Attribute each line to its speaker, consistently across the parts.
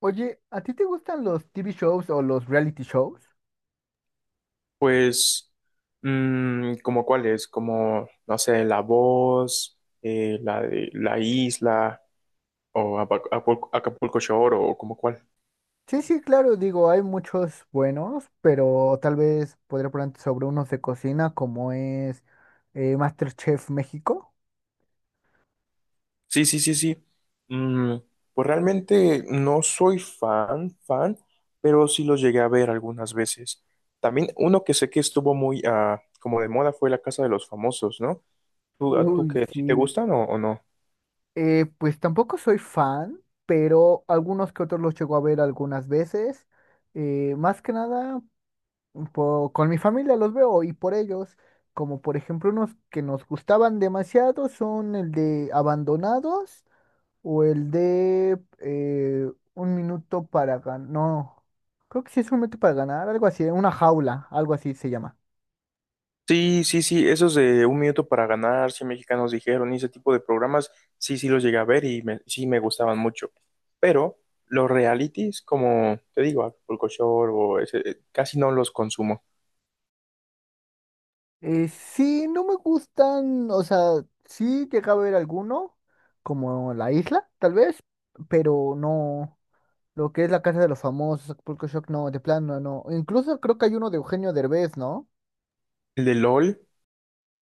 Speaker 1: Oye, ¿a ti te gustan los TV shows o los reality shows?
Speaker 2: Pues, ¿como cuáles? Como, no sé, La Voz, la de La Isla, o Acapulco Shore, o como cuál.
Speaker 1: Sí, sí, claro, digo, hay muchos buenos, pero tal vez podría ponerte sobre unos de cocina como es MasterChef México.
Speaker 2: Sí, sí, sí, sí. Mm, pues realmente no soy fan, fan, pero sí los llegué a ver algunas veces. También uno que sé que estuvo muy, como de moda fue La Casa de los Famosos, ¿no? ¿Tú, a- tú
Speaker 1: Uy,
Speaker 2: ¿qué? si te
Speaker 1: sí.
Speaker 2: gustan o no?
Speaker 1: Pues tampoco soy fan, pero algunos que otros los llego a ver algunas veces. Más que nada con mi familia los veo y por ellos, como por ejemplo unos que nos gustaban demasiado son el de Abandonados o el de Un minuto para ganar, no, creo que sí es un minuto para ganar, algo así, una jaula, algo así se llama.
Speaker 2: Sí, sí, sí, esos de Un Minuto para Ganar, 100 mexicanos dijeron, y ese tipo de programas, sí, sí los llegué a ver y me- sí me gustaban mucho. Pero los realities, como te digo, Acapulco Shore o ese, casi no los consumo.
Speaker 1: Sí, no me gustan, o sea, sí llegaba a ver alguno, como La Isla, tal vez, pero no, lo que es La Casa de los Famosos, Acapulco Shock, no, de plano, no. Incluso creo que hay uno de Eugenio Derbez, ¿no?
Speaker 2: El de LOL,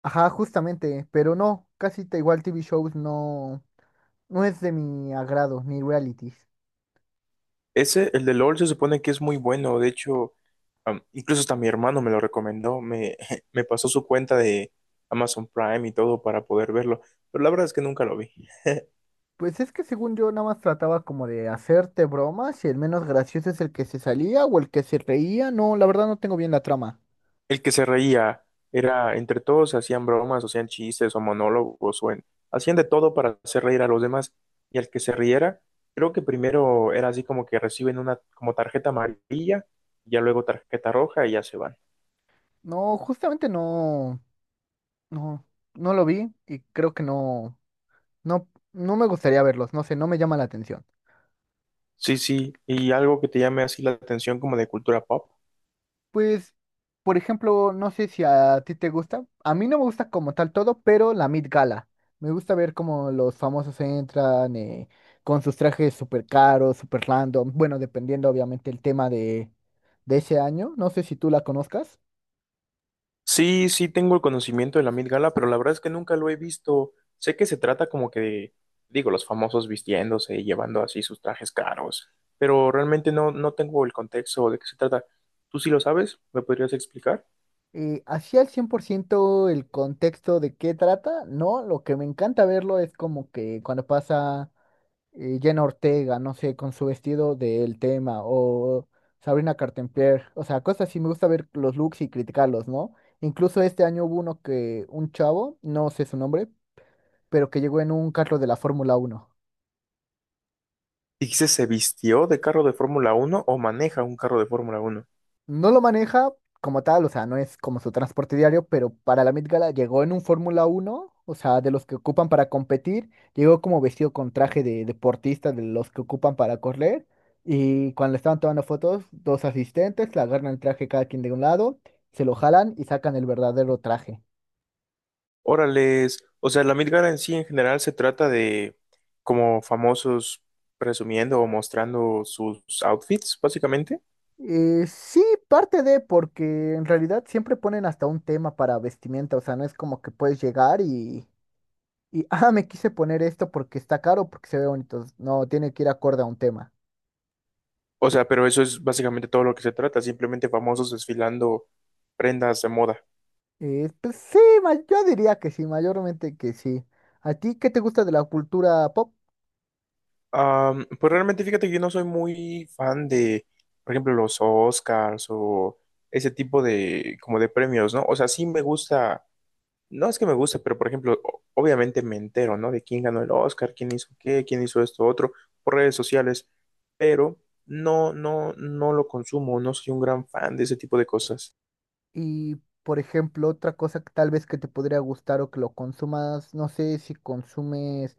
Speaker 1: Ajá, justamente, pero no, casi te igual TV shows no, no es de mi agrado, ni realities.
Speaker 2: ese, el de LOL se supone que es muy bueno, de hecho, incluso hasta mi hermano me lo recomendó, me, me pasó su cuenta de Amazon Prime y todo para poder verlo, pero la verdad es que nunca lo vi.
Speaker 1: Pues es que según yo nada más trataba como de hacerte bromas y el menos gracioso es el que se salía o el que se reía. No, la verdad no tengo bien la trama.
Speaker 2: El que se reía era, entre todos hacían bromas, o hacían chistes o monólogos, hacían de todo para hacer reír a los demás. Y el que se riera, creo que primero era así como que reciben una como tarjeta amarilla, ya luego tarjeta roja y ya se van.
Speaker 1: No, justamente no, no, no lo vi y creo que no, no, no me gustaría verlos, no sé, no me llama la atención.
Speaker 2: Sí, sí, y algo que te llame así la atención como de cultura pop.
Speaker 1: Pues, por ejemplo, no sé si a ti te gusta. A mí no me gusta como tal todo, pero la Met Gala. Me gusta ver cómo los famosos entran con sus trajes súper caros, súper random. Bueno, dependiendo obviamente el tema de ese año. No sé si tú la conozcas.
Speaker 2: Sí, sí tengo el conocimiento de la Met Gala, pero la verdad es que nunca lo he visto. Sé que se trata como que de, digo, los famosos vistiéndose y llevando así sus trajes caros, pero realmente no, no tengo el contexto de qué se trata. ¿Tú sí lo sabes? ¿Me podrías explicar?
Speaker 1: Así al 100% el contexto de qué trata, no. Lo que me encanta verlo es como que cuando pasa. Jenna Ortega, no sé, con su vestido del tema, o Sabrina Carpenter, o sea, cosas así, me gusta ver los looks y criticarlos, ¿no? Incluso este año hubo uno que, un chavo, no sé su nombre, pero que llegó en un carro de la Fórmula Uno.
Speaker 2: Dices, ¿se vistió de carro de Fórmula Uno o maneja un carro de Fórmula Uno?
Speaker 1: No lo maneja como tal, o sea, no es como su transporte diario, pero para la Met Gala llegó en un Fórmula uno, o sea, de los que ocupan para competir, llegó como vestido con traje de deportista, de los que ocupan para correr, y cuando le estaban tomando fotos, dos asistentes le agarran el traje cada quien de un lado, se lo jalan y sacan el verdadero traje.
Speaker 2: Órales, o sea, la Met Gala en sí en general se trata de como famosos presumiendo o mostrando sus outfits, básicamente.
Speaker 1: Sí, parte de, porque en realidad siempre ponen hasta un tema para vestimenta, o sea, no es como que puedes llegar y... Y, ah, me quise poner esto porque está caro, porque se ve bonito. No, tiene que ir acorde a un tema.
Speaker 2: O sea, pero eso es básicamente todo lo que se trata, simplemente famosos desfilando prendas de moda.
Speaker 1: Pues sí, yo diría que sí, mayormente que sí. ¿A ti qué te gusta de la cultura pop?
Speaker 2: Pues realmente fíjate que yo no soy muy fan de, por ejemplo, los Oscars o ese tipo de, como de premios, ¿no? O sea, sí me gusta, no es que me guste, pero por ejemplo, obviamente me entero, ¿no? De quién ganó el Oscar, quién hizo qué, quién hizo esto, otro, por redes sociales, pero no, no, no lo consumo, no soy un gran fan de ese tipo de cosas.
Speaker 1: Y, por ejemplo, otra cosa que tal vez que te podría gustar o que lo consumas, no sé si consumes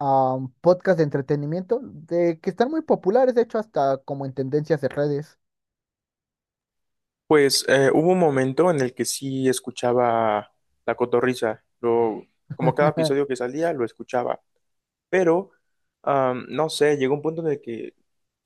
Speaker 1: podcast de entretenimiento, de que están muy populares, de hecho, hasta como en tendencias de redes.
Speaker 2: Pues, hubo un momento en el que sí escuchaba La Cotorrisa, lo, como cada episodio que salía lo escuchaba, pero no sé, llegó un punto en el que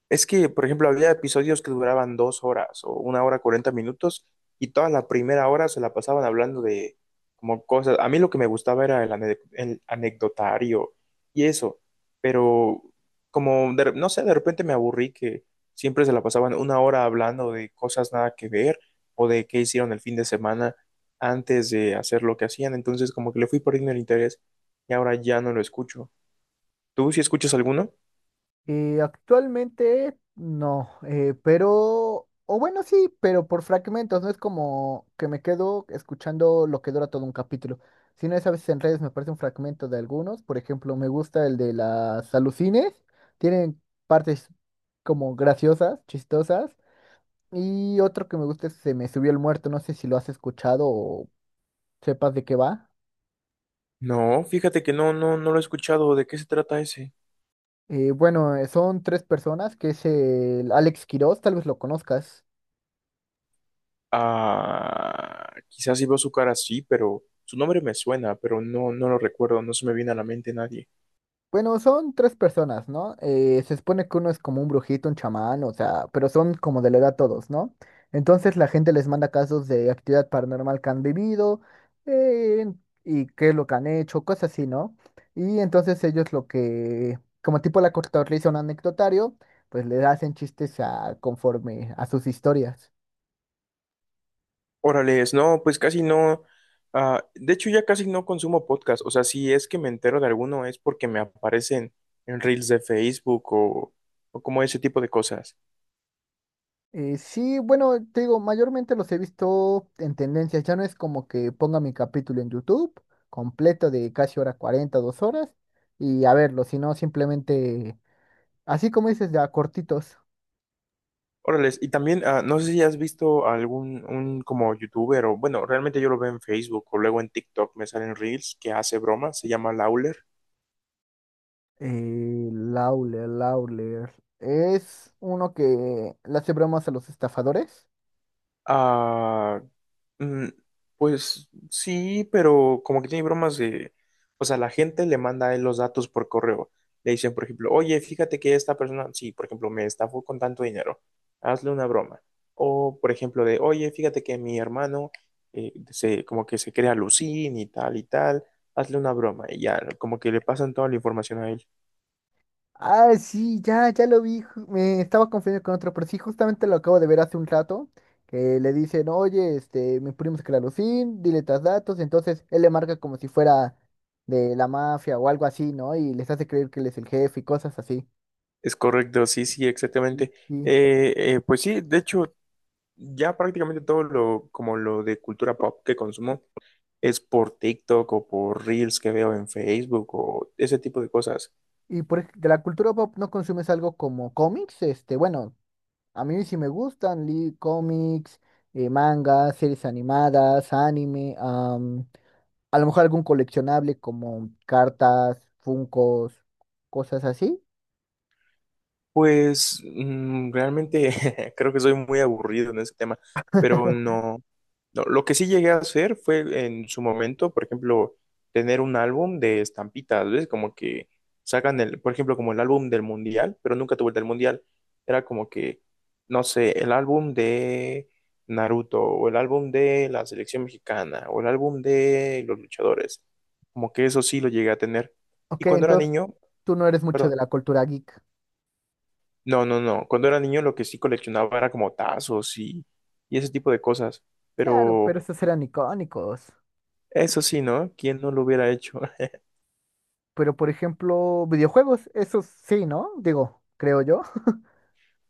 Speaker 2: es que, por ejemplo, había episodios que duraban 2 horas o una hora 40 minutos y toda la primera hora se la pasaban hablando de como cosas. A mí lo que me gustaba era el anecdotario y eso, pero como, no sé, de repente me aburrí que siempre se la pasaban una hora hablando de cosas nada que ver o de qué hicieron el fin de semana antes de hacer lo que hacían. Entonces, como que le fui perdiendo el interés y ahora ya no lo escucho. ¿Tú sí escuchas alguno?
Speaker 1: Actualmente no, pero, o bueno, sí, pero por fragmentos, no es como que me quedo escuchando lo que dura todo un capítulo, sino es a veces en redes me aparece un fragmento de algunos, por ejemplo, me gusta el de las alucines, tienen partes como graciosas, chistosas, y otro que me gusta es Se me subió el muerto, no sé si lo has escuchado o sepas de qué va.
Speaker 2: No, fíjate que no, no, no lo he escuchado. ¿De qué se trata ese?
Speaker 1: Bueno, son tres personas, que es el Alex Quiroz, tal vez lo conozcas.
Speaker 2: Ah, quizás si veo su cara sí, pero su nombre me suena, pero no, no lo recuerdo, no se me viene a la mente nadie.
Speaker 1: Bueno, son tres personas, ¿no? Se supone que uno es como un brujito, un chamán, o sea, pero son como de la edad todos, ¿no? Entonces la gente les manda casos de actividad paranormal que han vivido eh, y qué es lo que han hecho, cosas así, ¿no? Y entonces ellos lo que, como tipo la cortadora le hizo un anecdotario, pues le hacen chistes a, conforme a sus historias.
Speaker 2: Órales, no, pues casi no. De hecho, ya casi no consumo podcast. O sea, si es que me entero de alguno es porque me aparecen en reels de Facebook o como ese tipo de cosas.
Speaker 1: Sí, bueno, te digo, mayormente los he visto en tendencias. Ya no es como que ponga mi capítulo en YouTube completo de casi hora 40 dos horas y a verlo, sino simplemente, así como dices, ya cortitos.
Speaker 2: Órales, y también, no sé si has visto algún un como youtuber o, bueno, realmente yo lo veo en Facebook o luego en TikTok, me salen reels que hace bromas, se llama Lawler.
Speaker 1: Lawler, Lawler. Es uno que le hace bromas a los estafadores.
Speaker 2: Ah. Mm. Pues sí, pero como que tiene bromas de, o sea, la gente le manda a él los datos por correo. Le dicen, por ejemplo, oye, fíjate que esta persona, sí, por ejemplo, me estafó con tanto dinero, hazle una broma. O, por ejemplo, de, oye, fíjate que mi hermano como que se crea Lucín y tal, hazle una broma. Y ya, como que le pasan toda la información a él.
Speaker 1: Ah, sí, ya, ya lo vi. Me estaba confundiendo con otro, pero sí, justamente lo acabo de ver hace un rato. Que le dicen, oye, este, mi primo es Clarosín, dile tus datos. Entonces él le marca como si fuera de la mafia o algo así, ¿no? Y les hace creer que él es el jefe y cosas así.
Speaker 2: Es correcto, sí, sí,
Speaker 1: Sí.
Speaker 2: exactamente. Pues sí, de hecho, ya prácticamente todo lo, como lo de cultura pop que consumo, es por TikTok o por Reels que veo en Facebook o ese tipo de cosas.
Speaker 1: Y de la cultura pop no consumes algo como cómics, este, bueno, a mí sí me gustan, li cómics, mangas, series animadas, anime. A lo mejor algún coleccionable como cartas, funcos, cosas así.
Speaker 2: Pues realmente creo que soy muy aburrido en ese tema, pero no, no. Lo que sí llegué a hacer fue en su momento, por ejemplo, tener un álbum de estampitas, ¿ves? Como que sacan el, por ejemplo, como el álbum del mundial, pero nunca tuve el del mundial. Era como que, no sé, el álbum de Naruto, o el álbum de la selección mexicana, o el álbum de los luchadores. Como que eso sí lo llegué a tener. Y
Speaker 1: Ok,
Speaker 2: cuando era
Speaker 1: entonces
Speaker 2: niño,
Speaker 1: tú no eres mucho de
Speaker 2: perdón.
Speaker 1: la cultura geek.
Speaker 2: No, no, no. Cuando era niño lo que sí coleccionaba era como tazos y ese tipo de cosas.
Speaker 1: Claro, pero
Speaker 2: Pero
Speaker 1: esos eran icónicos.
Speaker 2: eso sí, ¿no? ¿Quién no lo hubiera hecho?
Speaker 1: Pero por ejemplo, videojuegos, esos sí, ¿no? Digo, creo yo.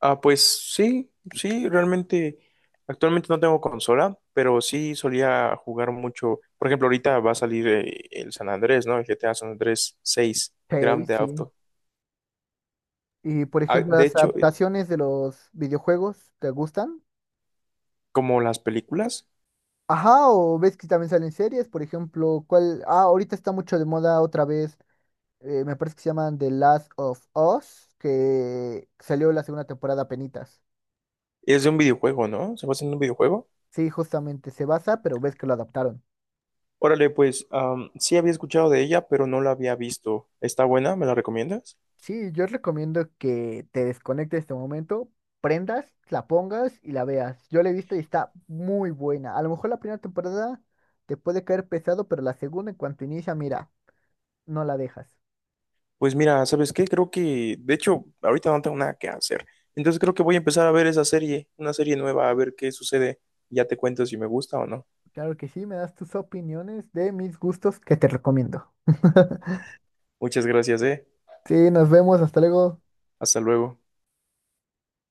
Speaker 2: Ah, pues sí, sí, realmente actualmente no tengo consola, pero sí solía jugar mucho. Por ejemplo, ahorita va a salir el San Andrés, ¿no? El GTA San Andrés 6
Speaker 1: Sí,
Speaker 2: Grand Theft
Speaker 1: sí.
Speaker 2: Auto.
Speaker 1: Y por
Speaker 2: Ah,
Speaker 1: ejemplo,
Speaker 2: de
Speaker 1: las
Speaker 2: hecho,
Speaker 1: adaptaciones de los videojuegos, ¿te gustan?
Speaker 2: como las películas,
Speaker 1: Ajá, o ves que también salen series, por ejemplo, ¿cuál? Ah, ahorita está mucho de moda otra vez, me parece que se llaman The Last of Us, que salió la segunda temporada penitas.
Speaker 2: es de un videojuego, ¿no? Se basa en un videojuego.
Speaker 1: Sí, justamente se basa, pero ves que lo adaptaron.
Speaker 2: Órale, pues sí había escuchado de ella, pero no la había visto. ¿Está buena? ¿Me la recomiendas?
Speaker 1: Sí, yo recomiendo que te desconectes de este momento, prendas, la pongas y la veas. Yo la he visto y está muy buena. A lo mejor la primera temporada te puede caer pesado, pero la segunda, en cuanto inicia, mira, no la dejas.
Speaker 2: Pues mira, ¿sabes qué? Creo que, de hecho, ahorita no tengo nada que hacer. Entonces creo que voy a empezar a ver esa serie, una serie nueva, a ver qué sucede. Ya te cuento si me gusta o no.
Speaker 1: Claro que sí, me das tus opiniones de mis gustos que te recomiendo.
Speaker 2: Muchas gracias, eh.
Speaker 1: Sí, nos vemos, hasta luego.
Speaker 2: Hasta luego.